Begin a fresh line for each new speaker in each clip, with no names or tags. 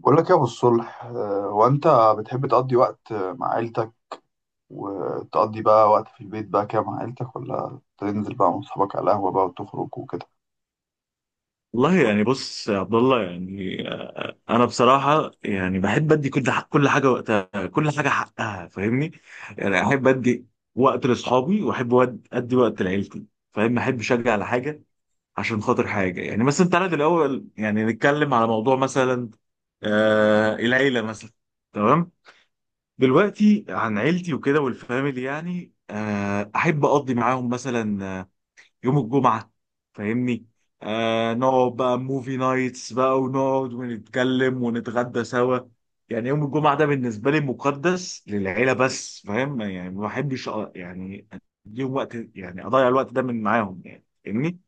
بقول لك يا ابو الصلح، هو انت بتحب تقضي وقت مع عيلتك، وتقضي بقى وقت في البيت بقى كده مع عيلتك ولا تنزل بقى مع اصحابك على القهوه بقى وتخرج وكده؟
والله يعني، بص يا عبد الله. يعني انا بصراحه يعني بحب ادي كل حاجه وقتها، كل حاجه حقها. فاهمني؟ يعني احب ادي وقت لاصحابي، واحب ادي وقت لعيلتي. فاهم؟ احب اشجع على حاجه عشان خاطر حاجه. يعني مثلا تعالى الاول يعني نتكلم على موضوع مثلا، العيله مثلا، تمام؟ دلوقتي عن عيلتي وكده والفاميلي، يعني احب اقضي معاهم مثلا يوم الجمعة. فاهمني؟ نقعد بقى موفي نايتس بقى ونقعد ونتكلم ونتغدى سوا. يعني يوم الجمعة ده بالنسبة لي مقدس للعيلة بس. فاهم؟ يعني ما بحبش يعني اديهم وقت، يعني اضيع الوقت ده من معاهم يعني. فاهمني؟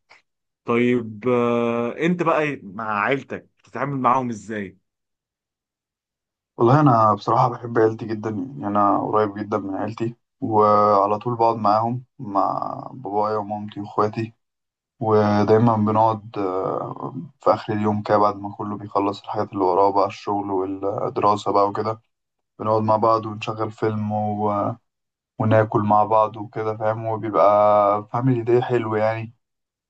طيب انت بقى مع عيلتك بتتعامل معاهم ازاي؟
والله انا بصراحه بحب عيلتي جدا، يعني انا قريب جدا من عيلتي وعلى طول بقعد معاهم مع بابايا ومامتي واخواتي. ودايما بنقعد في اخر اليوم كده بعد ما كله بيخلص الحاجات اللي وراه بقى الشغل والدراسه بقى وكده، بنقعد مع بعض ونشغل فيلم وناكل مع بعض وكده فاهم، وبيبقى فاميلي داي حلو يعني،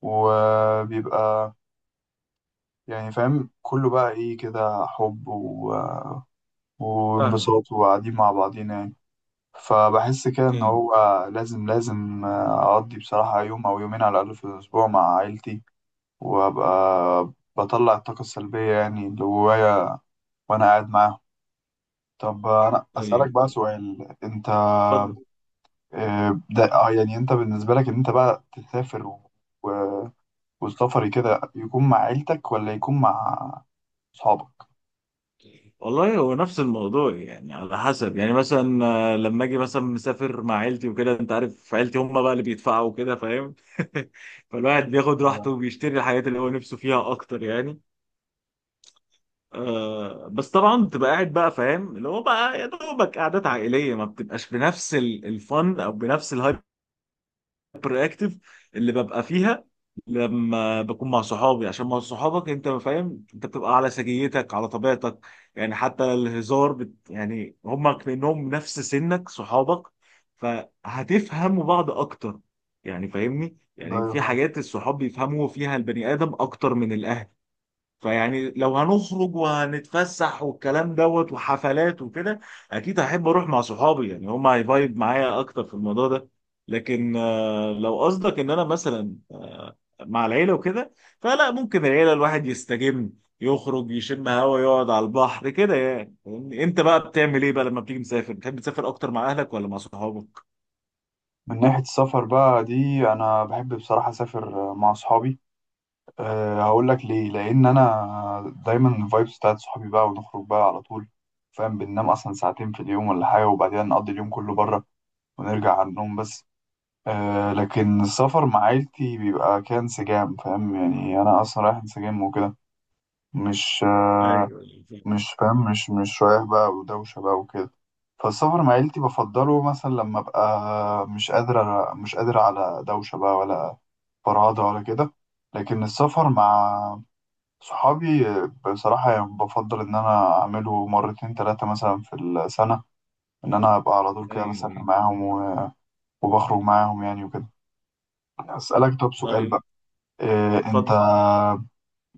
وبيبقى يعني فاهم كله بقى ايه كده حب
فاهم.
وانبساط وقاعدين مع بعضينا يعني. فبحس كده ان
ايوه،
هو لازم اقضي بصراحة يوم او يومين على الاقل في الاسبوع مع عيلتي، وابقى بطلع الطاقة السلبية يعني اللي جوايا وانا قاعد معاهم. طب انا اسألك
ايوه،
بقى
أيوة.
سؤال، انت
اتفضل.
ده يعني انت بالنسبة لك ان انت بقى تسافر و- والسفر كده يكون مع عيلتك ولا يكون مع اصحابك؟
والله هو نفس الموضوع يعني على حسب يعني مثلا. لما اجي مثلا مسافر مع عيلتي وكده، انت عارف عيلتي هم بقى اللي بيدفعوا وكده فاهم؟ فالواحد بياخد
أيوة.
راحته وبيشتري الحاجات اللي هو نفسه فيها اكتر يعني. بس طبعا بتبقى قاعد بقى فاهم، اللي هو بقى يا دوبك قعدات عائليه، ما بتبقاش بنفس الفن او بنفس الهايبر اكتف اللي ببقى فيها لما بكون مع صحابي. عشان مع صحابك انت فاهم، انت بتبقى على سجيتك، على طبيعتك. يعني حتى الهزار يعني هم كأنهم نفس سنك صحابك، فهتفهموا بعض اكتر. يعني فاهمني؟
ده
يعني
أيوة
في
فاهم.
حاجات الصحاب بيفهموا فيها البني آدم اكتر من الاهل. فيعني لو هنخرج وهنتفسح والكلام دوت وحفلات وكده، اكيد هحب اروح مع صحابي يعني، هم هيفايب معايا اكتر في الموضوع ده. لكن لو قصدك ان انا مثلا مع العيله وكده، فلا، ممكن العيله الواحد يستجم، يخرج، يشم هوا، يقعد على البحر كده يعني. فاهمني؟ انت بقى بتعمل ايه بقى لما بتيجي مسافر؟ بتحب تسافر اكتر مع اهلك ولا مع صحابك؟
من ناحية السفر بقى دي انا بحب بصراحة اسافر مع اصحابي. هقول لك ليه، لان انا دايما الفايبس بتاعت صحابي بقى ونخرج بقى على طول فاهم، بننام اصلا ساعتين في اليوم ولا حاجة وبعدين نقضي اليوم كله بره ونرجع على النوم بس. لكن السفر مع عيلتي بيبقى كان انسجام فاهم، يعني انا اصلا رايح انسجام وكده، مش
ايوه، ايوه،
مش فاهم، مش رايح بقى ودوشة بقى وكده. فالسفر مع عيلتي بفضله مثلا لما ابقى مش قادر على دوشة بقى ولا فرهدة ولا كده. لكن السفر مع صحابي بصراحة يعني بفضل إن أنا أعمله مرتين تلاتة مثلا في السنة، إن أنا أبقى على طول كده بسافر
ايوه.
معاهم وبخرج معاهم يعني وكده. أسألك طب سؤال
طيب
بقى، إيه أنت
اتفضل.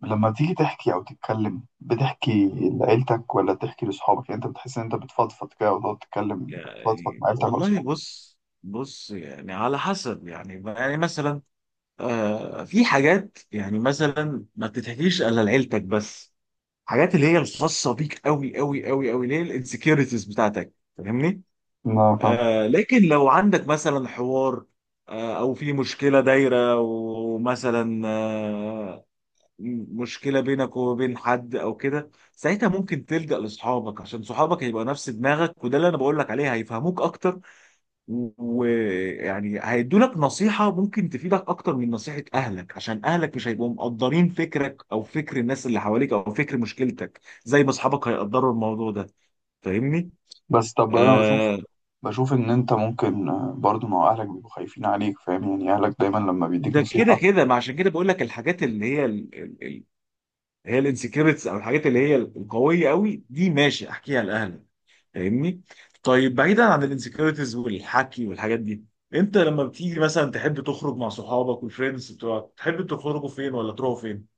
لما تيجي تحكي او تتكلم بتحكي لعيلتك ولا بتحكي لاصحابك؟ يعني انت بتحس ان انت بتفضفض كده وتقعد تتكلم، تفضفض
يعني
مع عيلتك ولا
والله
اصحابك؟
بص. بص يعني على حسب. يعني مثلا في حاجات، يعني مثلا ما بتتحكيش الا لعيلتك بس، حاجات اللي هي الخاصه بيك قوي قوي قوي قوي، اللي هي الانسكيورتيز بتاعتك. فاهمني؟
لا فاهم،
لكن لو عندك مثلا حوار، او في مشكله دايره ومثلا مشكله بينك وبين حد او كده، ساعتها ممكن تلجأ لاصحابك عشان صحابك هيبقى نفس دماغك. وده اللي انا بقول لك عليه، هيفهموك اكتر ويعني هيدولك نصيحة ممكن تفيدك أكتر من نصيحة أهلك، عشان أهلك مش هيبقوا مقدرين فكرك أو فكر الناس اللي حواليك أو فكر مشكلتك زي ما أصحابك هيقدروا الموضوع ده. فاهمني؟
بس طب انا بشوف
آه
بشوف ان انت ممكن برضو، ما هو اهلك بيبقوا خايفين عليك فاهم، يعني اهلك دايما لما بيديك
ده كده
نصيحة.
كده، ما عشان كده بقول لك الحاجات اللي هي ال ال ال هي الانسكريبتس، أو الحاجات اللي هي القوية قوي دي، ماشي أحكيها لأهلك. فاهمني؟ طيب بعيدا عن الانسكريبتس والحكي والحاجات دي، انت لما بتيجي مثلا تحب تخرج مع صحابك والفريندز بتوعك، تحب تخرجوا فين ولا تروحوا فين؟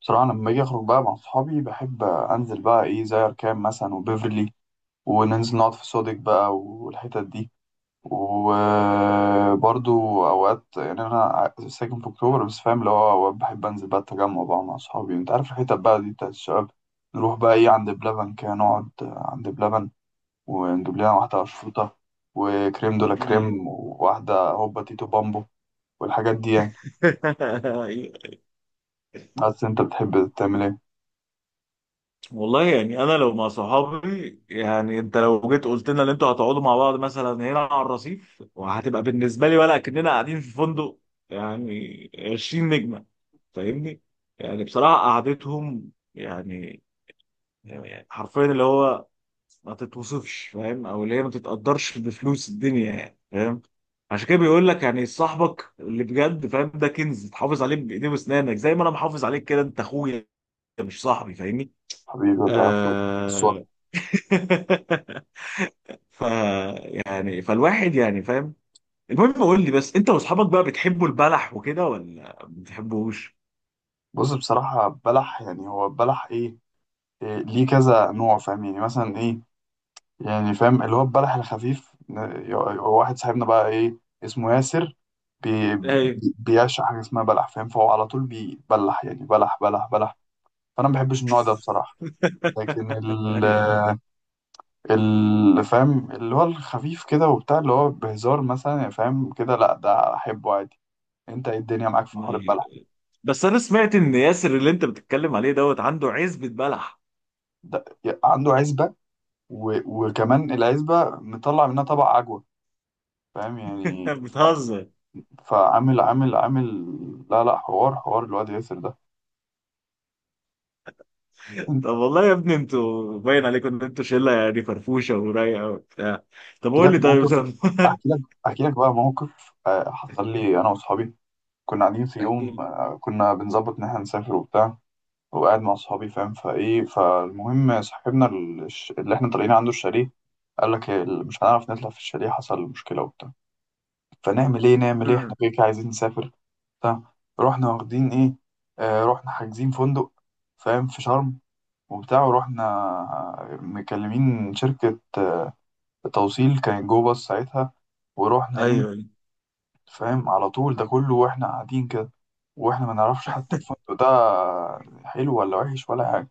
بصراحة لما باجي اخرج بقى مع اصحابي بحب انزل بقى ايه زي اركان مثلا وبيفرلي، وننزل نقعد في صودك بقى والحتت دي. وبرضو اوقات يعني انا ساكن في اكتوبر بس فاهم اللي هو اوقات بحب انزل بقى التجمع بقى مع اصحابي، انت عارف الحتت بقى دي بتاعت الشباب. نروح بقى ايه عند بلبن كده نقعد عند بلبن، ونجيب لنا واحدة اشروطة وكريم دولا كريم
أيوة.
وواحدة هوبا تيتو بامبو والحاجات دي يعني. بس انت بتحب تعمل ايه؟
والله يعني انا لو مع صحابي يعني، انت لو جيت قلت لنا ان انتوا هتقعدوا مع بعض مثلا هنا على الرصيف، وهتبقى بالنسبه لي ولا كأننا قاعدين في فندق يعني 20 نجمه. فاهمني؟ يعني بصراحه قعدتهم يعني، يعني حرفيا اللي هو ما تتوصفش فاهم، او اللي هي ما تتقدرش بفلوس الدنيا يعني فاهم. عشان كده بيقول لك يعني صاحبك اللي بجد فاهم، ده كنز، تحافظ عليه بايديه واسنانك زي ما انا محافظ عليك كده. انت اخويا مش صاحبي فاهمني.
حبيبي ولا اخوك، بس والله-
آه... ف يعني فالواحد يعني فاهم. المهم قول لي بس، انت واصحابك بقى بتحبوا البلح وكده ولا ما بتحبوش؟
بص بصراحة بلح يعني هو بلح ايه؟ إيه، ليه كذا نوع فاهم يعني مثلا ايه، يعني فاهم اللي هو البلح الخفيف، هو واحد صاحبنا بقى ايه اسمه ياسر،
ايوه.
بيعشق حاجه اسمها بلح فاهم، فهو على طول بيبلح يعني بلح بلح بلح. فانا ما بحبش النوع ده بصراحه. لكن
ايوه،
فاهم اللي هو الخفيف كده وبتاع اللي هو بهزار مثلا يعني فاهم كده، لا ده احبه عادي. انت ايه الدنيا معاك في حوار
أيوة.
البلح؟
بس انا سمعت ان ياسر اللي انت بتتكلم عليه دوت عنده عزبة بلح.
ده عنده عزبه و- وكمان العزبه مطلع منها طبق عجوه فاهم يعني.
بتهزر.
فعامل عامل عامل، لا لا حوار حوار الواد ياسر ده. احكي
طب والله يا ابني، انتوا باين عليكم ان انتوا شله يعني، فرفوشه ورايقه وبتاع. طب قول
لك
لي، طيب.
موقف،
طب
احكي لك احكي لك بقى موقف حصل لي انا واصحابي. كنا قاعدين في
احكي
يوم
لي.
كنا بنظبط ان احنا نسافر وبتاع، وقاعد مع اصحابي فاهم، فايه فالمهم صاحبنا اللي احنا طالعين عنده الشاليه قال لك، مش هنعرف نطلع في الشاليه، حصل مشكلة وبتاع، فنعمل ايه احنا
مم.
كده كده عايزين نسافر بتاع رحنا واخدين ايه، رحنا حاجزين فندق فاهم في شرم وبتاع، ورحنا مكلمين شركة توصيل كانت جوه بس ساعتها، ورحنا
ايوه،
ايه
ايوه.
فاهم على طول. ده كله واحنا قاعدين كده واحنا ما نعرفش حتى الفندق ده حلو ولا وحش ولا حاجة،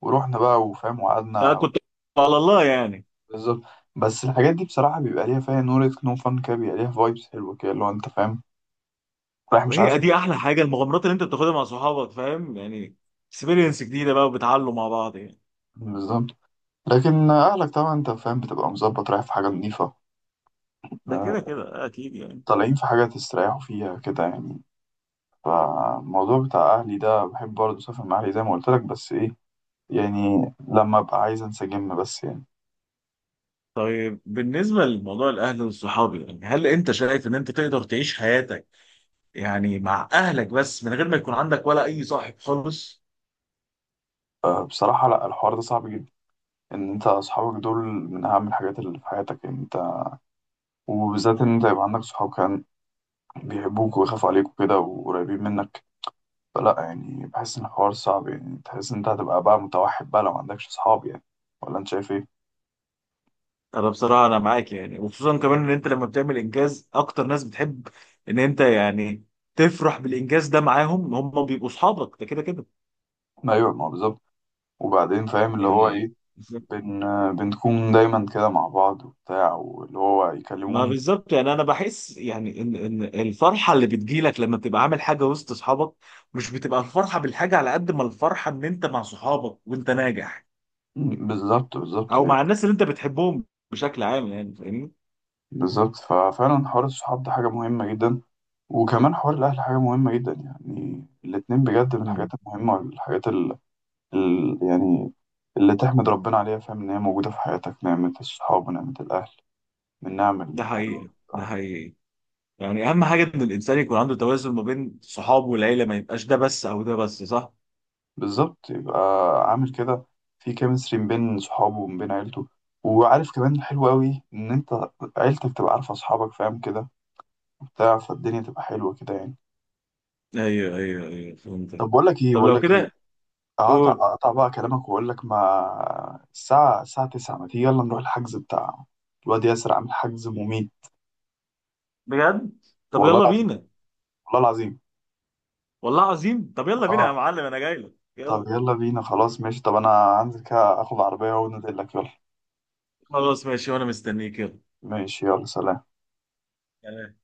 ورحنا بقى وفاهم
آه،
وقعدنا.
كنت على الله يعني.
بالظبط، بس الحاجات دي بصراحة بيبقى ليها فيها نور نو فن كده، بيبقى ليها فايبس حلوة كده اللي هو انت فاهم رايح مش عارف
وهي
انت-
دي احلى حاجه، المغامرات اللي انت بتاخدها مع صحابك فاهم يعني، اكسبيرينس جديده بقى وبتعلوا مع بعض يعني.
بالظبط. لكن أهلك طبعا أنت فاهم بتبقى مظبط رايح في حاجة نظيفة،
ده
آه،
كده كده اكيد يعني.
طالعين في حاجة تستريحوا فيها كده يعني. فالموضوع بتاع أهلي ده بحب برضه أسافر مع أهلي زي ما قلت لك، بس إيه، يعني لما أبقى عايز أنسجم بس يعني.
طيب بالنسبه لموضوع الاهل والصحاب، يعني هل انت شايف ان انت تقدر تعيش حياتك يعني مع اهلك بس، من غير ما يكون عندك ولا اي صاحب خالص؟
بصراحة لأ، الحوار ده صعب جدا، إن أنت أصحابك دول من أهم الحاجات اللي في حياتك يعني أنت، وبالذات إن أنت يبقى عندك صحاب كان بيحبوك ويخافوا عليك وكده وقريبين منك. فلأ يعني بحس إن الحوار صعب، يعني تحس إن أنت هتبقى بقى متوحد بقى لو ما عندكش صحاب يعني، ولا أنت شايف إيه؟
انا بصراحه انا معاك يعني، وخصوصا كمان ان انت لما بتعمل انجاز، اكتر ناس بتحب ان انت يعني تفرح بالانجاز ده معاهم هم بيبقوا صحابك، ده كده كده
ما أيوه ما هو بالظبط. وبعدين فاهم اللي هو
يعني.
إيه، بن بنكون دايما كده مع بعض وبتاع واللي هو
ما
يكلموني.
بالظبط يعني. انا بحس يعني ان الفرحه اللي بتجيلك لما بتبقى عامل حاجه وسط اصحابك، مش بتبقى الفرحه بالحاجه على قد ما الفرحه ان انت مع صحابك وانت ناجح،
بالظبط بالظبط
او
يعني،
مع الناس اللي انت بتحبهم بشكل عام يعني. فاهمني؟
بالظبط. ففعلا حوار الصحاب ده حاجة مهمة جدا، وكمان حوار الأهل حاجة مهمة جدا، يعني الاتنين بجد من الحاجات
امم.
المهمة والحاجات يعني اللي تحمد ربنا عليها فاهم إن هي موجودة في حياتك، نعمة الصحاب ونعمة الأهل من نعم
ده
الحلوة
حقيقي، ده
بصراحة.
حقيقي. يعني اهم حاجه ان الانسان يكون عنده توازن ما بين صحابه والعيله، ما يبقاش ده بس او ده بس، صح؟
بالظبط، يبقى عامل كده في كيمستري ما بين صحابه وما بين عيلته، وعارف كمان الحلو أوي إن أنت عيلتك تبقى عارفة أصحابك فاهم كده وبتاع، فالدنيا تبقى حلوة كده يعني.
ايوه، ايوه، ايوه فهمتك.
طب
طب
بقول
لو
لك إيه؟
كده قول
اقطع بقى كلامك واقول لك، ما الساعة 9، ما تيجي يلا نروح الحجز بتاع الواد ياسر عامل حجز مميت.
بجد. طب
والله
يلا
العظيم،
بينا.
والله العظيم.
والله عظيم، طب يلا بينا يا
اه
معلم، انا جاي لك
طب
يلا.
يلا بينا خلاص ماشي، طب انا هنزل كده اخد عربية ونزل لك يلا.
خلاص ماشي وانا مستنيك يلا.
ماشي يلا سلام.
سلام.